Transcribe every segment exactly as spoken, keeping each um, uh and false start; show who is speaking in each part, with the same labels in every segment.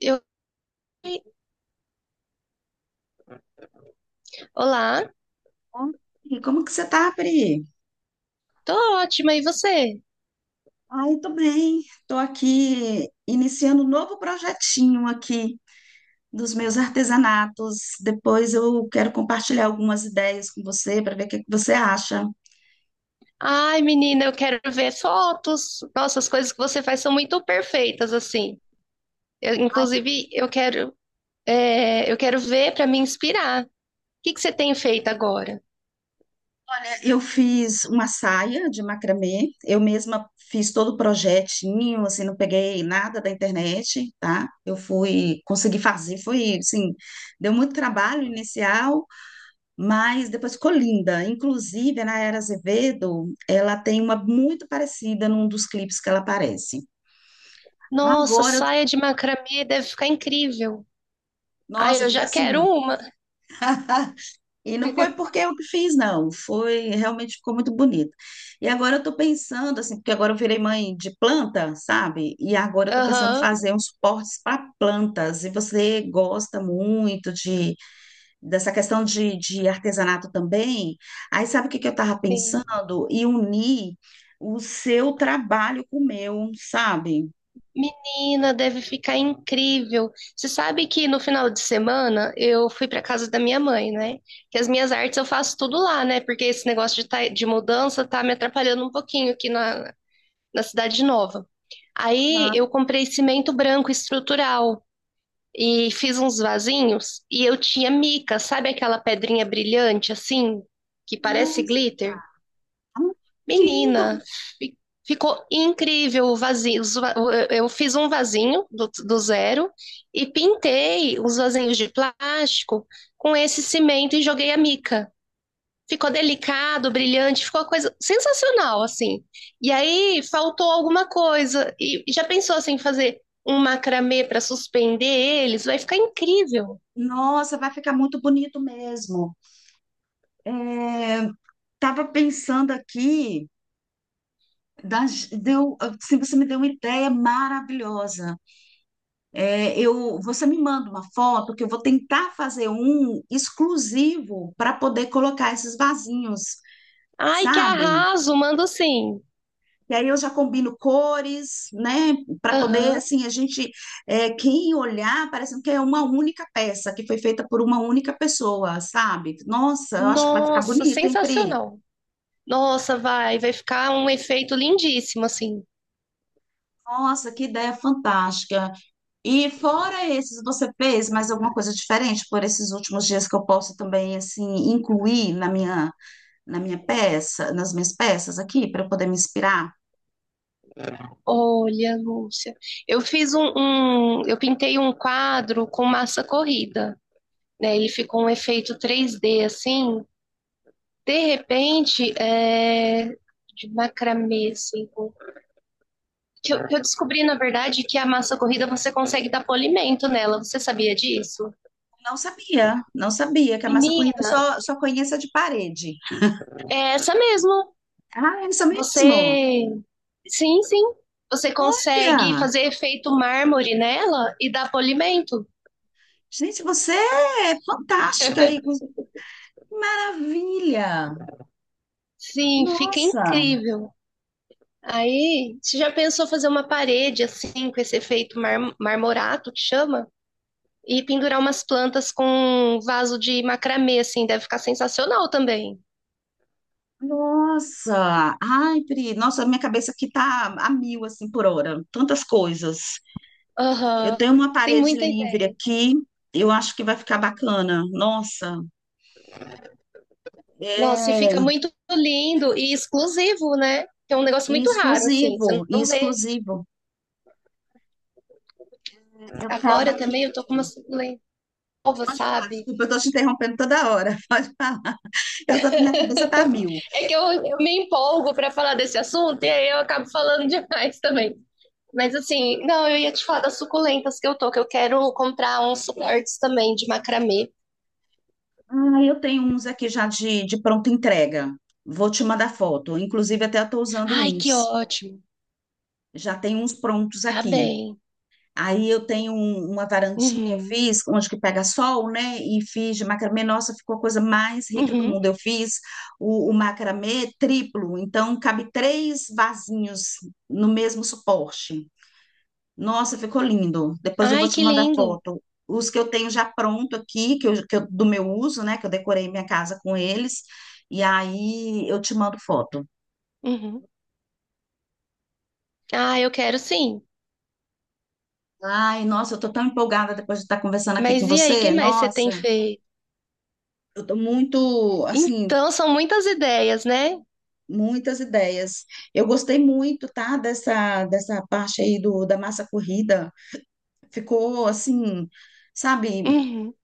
Speaker 1: Eu, olá,
Speaker 2: Bom, e como que você tá, Pri?
Speaker 1: tô ótima, e você?
Speaker 2: Ai, tô bem. Tô aqui iniciando um novo projetinho aqui dos meus artesanatos. Depois eu quero compartilhar algumas ideias com você para ver o que que você acha.
Speaker 1: Ai, menina, eu quero ver fotos. Nossa, as coisas que você faz são muito perfeitas, assim. Eu, inclusive, eu quero, é, eu quero ver para me inspirar. O que que você tem feito agora?
Speaker 2: É, eu fiz uma saia de macramê. Eu mesma fiz todo o projetinho, assim, não peguei nada da internet, tá? Eu fui, consegui fazer, foi assim, deu muito trabalho inicial, mas depois colinda. Inclusive, a Nayara Azevedo, ela tem uma muito parecida num dos clipes que ela aparece.
Speaker 1: Nossa,
Speaker 2: Agora, eu-
Speaker 1: saia de macramê deve ficar incrível.
Speaker 2: Nossa,
Speaker 1: Ai,
Speaker 2: eu
Speaker 1: eu
Speaker 2: fiquei
Speaker 1: já quero
Speaker 2: assim.
Speaker 1: uma.
Speaker 2: E não foi porque eu que fiz, não. Foi, realmente ficou muito bonito. E agora eu tô pensando, assim, porque agora eu virei mãe de planta, sabe? E agora eu tô pensando em
Speaker 1: Aham.
Speaker 2: fazer uns suportes para plantas. E você gosta muito de dessa questão de, de artesanato também, aí sabe o que que eu estava pensando? E unir o seu trabalho com o meu, sabe?
Speaker 1: Menina, deve ficar incrível. Você sabe que no final de semana eu fui para casa da minha mãe, né? Que as minhas artes eu faço tudo lá, né? Porque esse negócio de, tá- de mudança tá me atrapalhando um pouquinho aqui na, na cidade nova. Aí
Speaker 2: Aham.
Speaker 1: eu comprei cimento branco estrutural e fiz uns vasinhos e eu tinha mica, sabe aquela pedrinha brilhante assim, que parece
Speaker 2: Nossa,
Speaker 1: glitter?
Speaker 2: ah, que lindo!
Speaker 1: Menina, fi- ficou incrível o vasinho. os va- Eu fiz um vasinho do, do zero e pintei os vasinhos de plástico com esse cimento e joguei a mica. Ficou delicado, brilhante, ficou uma coisa sensacional, assim. E aí faltou alguma coisa. E e já pensou assim, em fazer um macramê para suspender eles? Vai ficar incrível.
Speaker 2: Nossa, vai ficar muito bonito mesmo. É, tava pensando aqui, das- deu, assim, você me deu uma ideia maravilhosa. É, eu, você me manda uma foto que eu vou tentar fazer um exclusivo para poder colocar esses vasinhos,
Speaker 1: Ai, que
Speaker 2: sabe?
Speaker 1: arraso, mando sim.
Speaker 2: E aí eu já combino cores, né, para poder,
Speaker 1: Aham.
Speaker 2: assim, a gente, é, quem olhar, parecendo que é uma única peça, que foi feita por uma única pessoa, sabe? Nossa, eu acho que vai ficar
Speaker 1: Nossa,
Speaker 2: bonito, hein, Pri?
Speaker 1: sensacional. Nossa, vai, vai ficar um efeito lindíssimo, assim.
Speaker 2: Nossa, que ideia fantástica. E fora esses, você fez mais alguma coisa diferente por esses últimos dias que eu posso também, assim, incluir na minha, na minha peça, nas minhas peças aqui, para eu poder me inspirar?
Speaker 1: Olha, Lúcia, eu fiz um, um- eu pintei um quadro com massa corrida, né? Ele ficou um efeito três D, assim. De repente, é, de macramê, assim, com- que eu, que eu descobri, na verdade, que a massa corrida você consegue dar polimento nela. Você sabia disso?
Speaker 2: Não sabia, não sabia que a massa corrida eu
Speaker 1: Menina,
Speaker 2: só, só conheço a de parede.
Speaker 1: é essa mesmo.
Speaker 2: Ah, é isso
Speaker 1: Você,
Speaker 2: mesmo?
Speaker 1: sim, sim, você consegue
Speaker 2: Olha,
Speaker 1: fazer efeito mármore nela e dar polimento.
Speaker 2: gente, você é fantástica aí. Maravilha!
Speaker 1: Sim, fica
Speaker 2: Nossa,
Speaker 1: incrível. Aí, você já pensou fazer uma parede assim, com esse efeito mar- marmorato que chama? E pendurar umas plantas com um vaso de macramê, assim, deve ficar sensacional também.
Speaker 2: nossa. Ai, Pri, nossa, minha cabeça aqui tá a mil, assim, por hora. Tantas coisas. Eu tenho
Speaker 1: Aham,
Speaker 2: uma
Speaker 1: tem
Speaker 2: parede
Speaker 1: muita
Speaker 2: livre
Speaker 1: ideia.
Speaker 2: aqui. Eu acho que vai ficar bacana. Nossa,
Speaker 1: Nossa, e fica
Speaker 2: é
Speaker 1: muito lindo e exclusivo, né? Que é um negócio
Speaker 2: e
Speaker 1: muito raro, assim, você
Speaker 2: exclusivo, e
Speaker 1: não vê.
Speaker 2: exclusivo. Eu tava
Speaker 1: Agora
Speaker 2: aqui.
Speaker 1: também eu tô com uma suculenta nova, sabe?
Speaker 2: Desculpa, eu tô te interrompendo toda hora. Pode falar. Eu tô, minha cabeça tá a mil.
Speaker 1: É que eu, eu me empolgo pra falar desse assunto e aí eu acabo falando demais também. Mas assim, não, eu ia te falar das suculentas que eu tô, que eu quero comprar uns suportes também de macramê.
Speaker 2: Ah, eu tenho uns aqui já de, de pronta entrega. Vou te mandar foto. Inclusive, até eu estou usando
Speaker 1: Ai, que
Speaker 2: uns.
Speaker 1: ótimo.
Speaker 2: Já tem uns prontos
Speaker 1: Tá
Speaker 2: aqui.
Speaker 1: bem.
Speaker 2: Aí eu tenho um- uma varandinha, eu
Speaker 1: Uhum,
Speaker 2: fiz, onde que pega sol, né? E fiz de macramê. Nossa, ficou a coisa mais rica do
Speaker 1: uhum.
Speaker 2: mundo. Eu fiz o, o macramê triplo, então cabe três vasinhos no mesmo suporte. Nossa, ficou lindo. Depois eu vou
Speaker 1: Ai,
Speaker 2: te
Speaker 1: que
Speaker 2: mandar
Speaker 1: lindo.
Speaker 2: foto. Os que eu tenho já pronto aqui, que eu, que eu- do meu uso, né? Que eu decorei minha casa com eles. E aí eu te mando foto.
Speaker 1: Uhum. Ah, eu quero sim.
Speaker 2: Ai, nossa, eu tô tão empolgada depois de estar conversando aqui com
Speaker 1: Mas e aí, o que
Speaker 2: você.
Speaker 1: mais você tem
Speaker 2: Nossa,
Speaker 1: feito?
Speaker 2: eu tô muito, assim,
Speaker 1: Então, são muitas ideias, né?
Speaker 2: muitas ideias. Eu gostei muito, tá? Dessa, dessa parte aí do, da massa corrida. Ficou, assim, sabe,
Speaker 1: Uhum.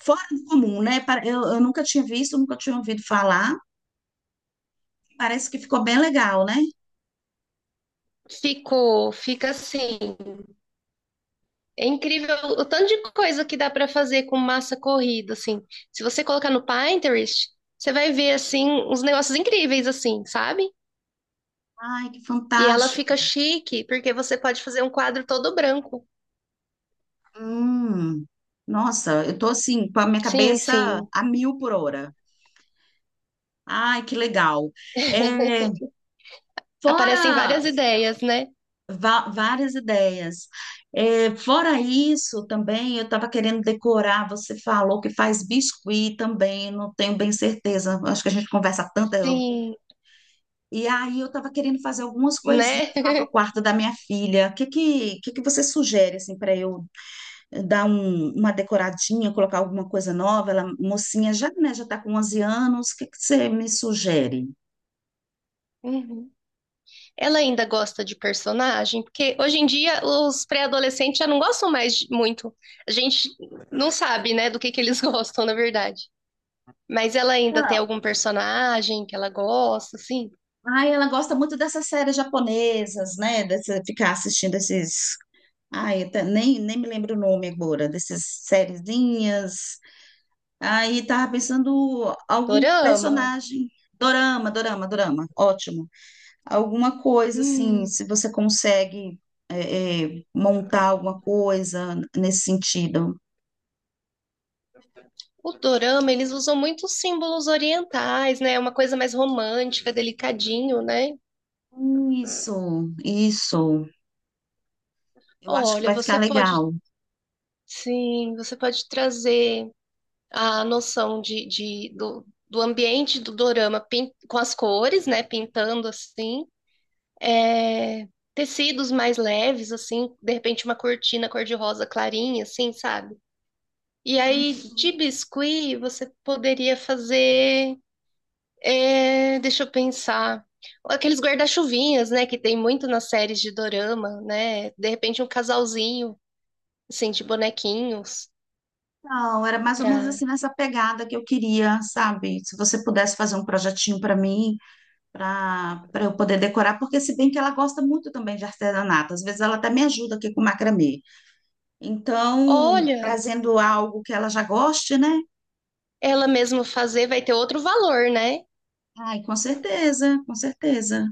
Speaker 2: fora do comum, né? Pare- Eu, eu nunca tinha visto, nunca tinha ouvido falar. Parece que ficou bem legal, né?
Speaker 1: Ficou, fica assim. É incrível o tanto de coisa que dá para fazer com massa corrida, assim. Se você colocar no Pinterest, você vai ver, assim, uns negócios incríveis, assim, sabe?
Speaker 2: Ai, que
Speaker 1: E ela
Speaker 2: fantástico.
Speaker 1: fica chique, porque você pode fazer um quadro todo branco.
Speaker 2: Hum, nossa, eu tô assim, com a minha
Speaker 1: Sim,
Speaker 2: cabeça
Speaker 1: sim.
Speaker 2: a mil por hora. Ai, que legal. É,
Speaker 1: Aparecem
Speaker 2: fora
Speaker 1: várias ideias, né?
Speaker 2: va- várias ideias. É, fora isso, também eu estava querendo decorar. Você falou que faz biscuit também, não tenho bem certeza. Acho que a gente conversa tanto. eu-
Speaker 1: Sim,
Speaker 2: E aí eu estava querendo fazer algumas coisinhas
Speaker 1: né?
Speaker 2: lá pro quarto da minha filha. O que que, que que você sugere assim para eu dar um- uma decoradinha, colocar alguma coisa nova. Ela, mocinha, já, né, já está com onze anos, o que que você me sugere?
Speaker 1: Uhum. Ela ainda gosta de personagem, porque hoje em dia os pré-adolescentes já não gostam mais de- muito. A gente não sabe, né, do que que eles gostam, na verdade. Mas ela ainda tem
Speaker 2: Ah,
Speaker 1: algum personagem que ela gosta, assim?
Speaker 2: ai, ela gosta muito dessas séries japonesas, né? Dessa, ficar assistindo esses. Ai, eu nem, nem me lembro o nome agora, dessas sériezinhas. Aí tava pensando algum
Speaker 1: Dorama?
Speaker 2: personagem. Dorama, dorama, dorama, ótimo. Alguma coisa assim,
Speaker 1: Hum.
Speaker 2: se você consegue é, é, montar alguma coisa nesse sentido.
Speaker 1: O dorama, eles usam muitos símbolos orientais, né? É uma coisa mais romântica, delicadinho, né?
Speaker 2: Isso, isso. Eu acho que
Speaker 1: Olha,
Speaker 2: vai ficar
Speaker 1: você pode,
Speaker 2: legal.
Speaker 1: sim, você pode trazer a noção de, de- do, do ambiente do dorama pin- com as cores, né? Pintando assim. É, tecidos mais leves, assim, de repente uma cortina cor-de-rosa clarinha, assim, sabe? E aí, de biscuit, você poderia fazer. é, deixa eu pensar. Aqueles guarda-chuvinhas, né? Que tem muito nas séries de dorama, né? De repente, um casalzinho, assim, de bonequinhos.
Speaker 2: Então, era mais ou menos
Speaker 1: Pra...
Speaker 2: assim nessa pegada que eu queria, sabe? Se você pudesse fazer um projetinho para mim, para para eu poder decorar, porque se bem que ela gosta muito também de artesanato, às vezes ela até me ajuda aqui com macramê. Então,
Speaker 1: Olha,
Speaker 2: trazendo algo que ela já goste, né?
Speaker 1: ela mesma fazer vai ter outro valor, né?
Speaker 2: Ai, com certeza, com certeza.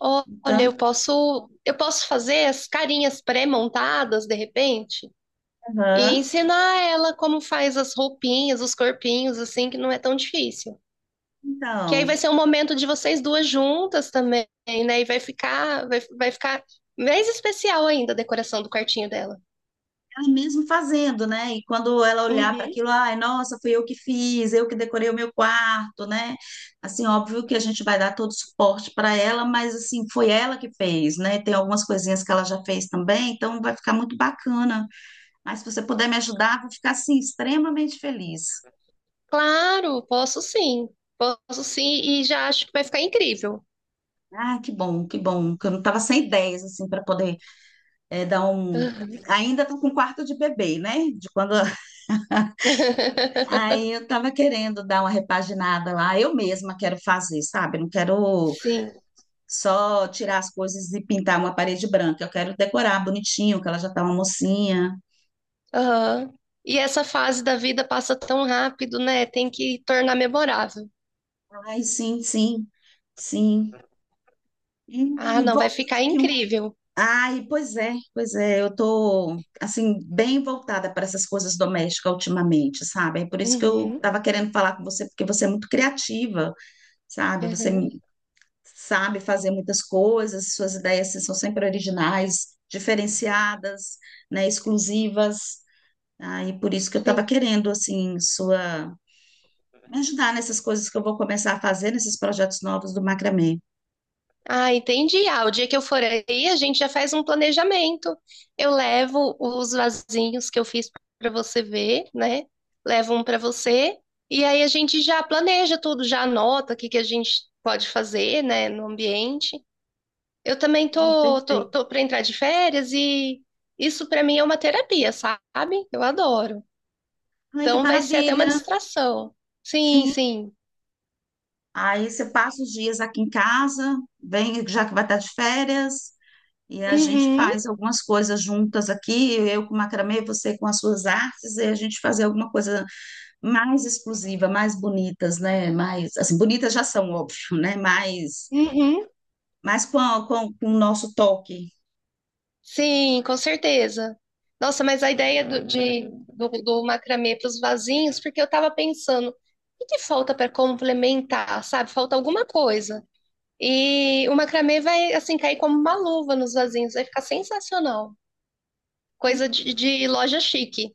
Speaker 1: Ó- Olha, eu
Speaker 2: Então,
Speaker 1: posso, eu posso fazer as carinhas pré-montadas, de repente, e
Speaker 2: aham.
Speaker 1: ensinar ela como faz as roupinhas, os corpinhos, assim, que não é tão difícil. Que aí vai
Speaker 2: Então,
Speaker 1: ser um momento de vocês duas juntas também, né? E vai ficar, vai, vai ficar mais especial ainda a decoração do quartinho dela.
Speaker 2: ela mesmo fazendo, né? E quando ela olhar para
Speaker 1: Uhum.
Speaker 2: aquilo, ai, nossa, fui eu que fiz, eu que decorei o meu quarto, né? Assim, óbvio que a gente vai dar todo o suporte para ela, mas assim, foi ela que fez, né? Tem algumas coisinhas que ela já fez também, então vai ficar muito bacana. Mas se você puder me ajudar, vou ficar assim extremamente feliz.
Speaker 1: Claro, posso sim. Posso sim, e já acho que vai ficar incrível.
Speaker 2: Ah, que bom, que bom, que eu não estava sem ideias assim para poder eh, dar um ainda estou com quarto de bebê, né? De quando aí eu tava querendo dar uma repaginada lá, eu mesma quero fazer, sabe? Não quero
Speaker 1: Sim.
Speaker 2: só tirar as coisas e pintar uma parede branca, eu quero decorar bonitinho, que ela já tá uma mocinha.
Speaker 1: Aham. E essa fase da vida passa tão rápido, né? Tem que tornar memorável.
Speaker 2: Ai, sim, sim, sim.
Speaker 1: Ah,
Speaker 2: Hum,
Speaker 1: não,
Speaker 2: volta
Speaker 1: vai ficar
Speaker 2: aqui um.
Speaker 1: incrível.
Speaker 2: Ai, pois é, pois é, eu tô, assim, bem voltada para essas coisas domésticas ultimamente, sabe? É por isso que eu
Speaker 1: Uhum.
Speaker 2: tava querendo falar com você, porque você é muito criativa, sabe? Você
Speaker 1: Aham.
Speaker 2: sabe fazer muitas coisas, suas ideias assim, são sempre originais, diferenciadas, né, exclusivas. Ah, e por isso que eu estava
Speaker 1: Sim.
Speaker 2: querendo assim sua me ajudar nessas coisas que eu vou começar a fazer nesses projetos novos do macramê.
Speaker 1: Ah, entendi. Ah, o dia que eu for aí, a gente já faz um planejamento. Eu levo os vasinhos que eu fiz para você ver, né? Levo um para você e aí a gente já planeja tudo, já anota o que que a gente pode fazer, né, no ambiente. Eu
Speaker 2: Ah,
Speaker 1: também tô tô,
Speaker 2: perfeito.
Speaker 1: tô para entrar de férias e isso para mim é uma terapia, sabe? Eu adoro.
Speaker 2: Ai, que
Speaker 1: Então vai ser até uma
Speaker 2: maravilha!
Speaker 1: distração. Sim,
Speaker 2: Sim.
Speaker 1: sim.
Speaker 2: Aí você passa os dias aqui em casa, vem já que vai estar de férias, e a gente
Speaker 1: Uhum,
Speaker 2: faz algumas coisas juntas aqui, eu com macramê, você com as suas artes, e a gente fazer alguma coisa mais exclusiva, mais bonitas, né? Mais, assim, bonitas já são, óbvio, né? Mais,
Speaker 1: uhum.
Speaker 2: mais com, a- com, com o nosso toque.
Speaker 1: Sim, com certeza. Nossa, mas a ideia do, de, do, do macramê para os vasinhos, porque eu estava pensando, o que que falta para complementar, sabe? Falta alguma coisa. E o macramê vai, assim, cair como uma luva nos vasinhos, vai ficar sensacional. Coisa de, de loja chique.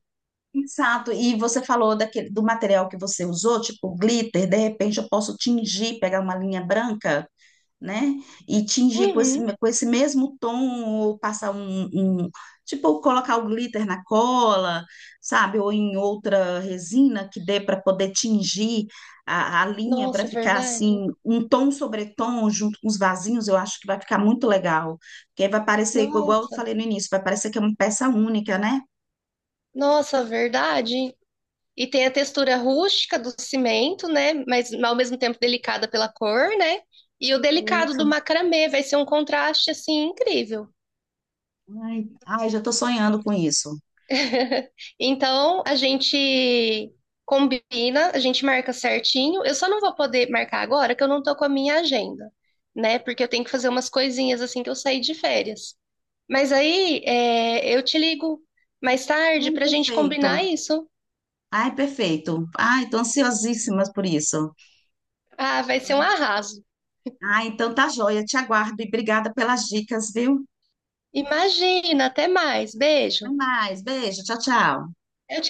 Speaker 2: Exato, e você falou daquele, do material que você usou, tipo glitter, de repente eu posso tingir, pegar uma linha branca, né? E tingir com esse,
Speaker 1: Uhum.
Speaker 2: com esse mesmo tom, ou passar um, um- tipo, colocar o glitter na cola, sabe? Ou em outra resina que dê para poder tingir a, a linha
Speaker 1: Nossa,
Speaker 2: para ficar
Speaker 1: verdade.
Speaker 2: assim, um tom sobre tom junto com os vasinhos, eu acho que vai ficar muito legal. Porque aí vai parecer, igual eu
Speaker 1: Nossa,
Speaker 2: falei no início, vai parecer que é uma peça única, né?
Speaker 1: nossa, verdade. E tem a textura rústica do cimento, né? Mas ao mesmo tempo delicada pela cor, né? E o delicado
Speaker 2: Isso.
Speaker 1: do macramê vai ser um contraste assim incrível.
Speaker 2: Ai, ai, já estou sonhando com isso.
Speaker 1: Então a gente combina, a gente marca certinho. Eu só não vou poder marcar agora que eu não tô com a minha agenda, né? Porque eu tenho que fazer umas coisinhas assim que eu saí de férias. Mas aí é, eu te ligo mais tarde
Speaker 2: Ai,
Speaker 1: pra gente
Speaker 2: perfeito.
Speaker 1: combinar isso.
Speaker 2: Ai, perfeito. Ai, estou ansiosíssima por isso.
Speaker 1: Ah, vai ser um arraso.
Speaker 2: Ah, então tá joia. Te aguardo e obrigada pelas dicas, viu?
Speaker 1: Imagina, até mais. Beijo.
Speaker 2: Até mais. Beijo. Tchau, tchau.
Speaker 1: Eu te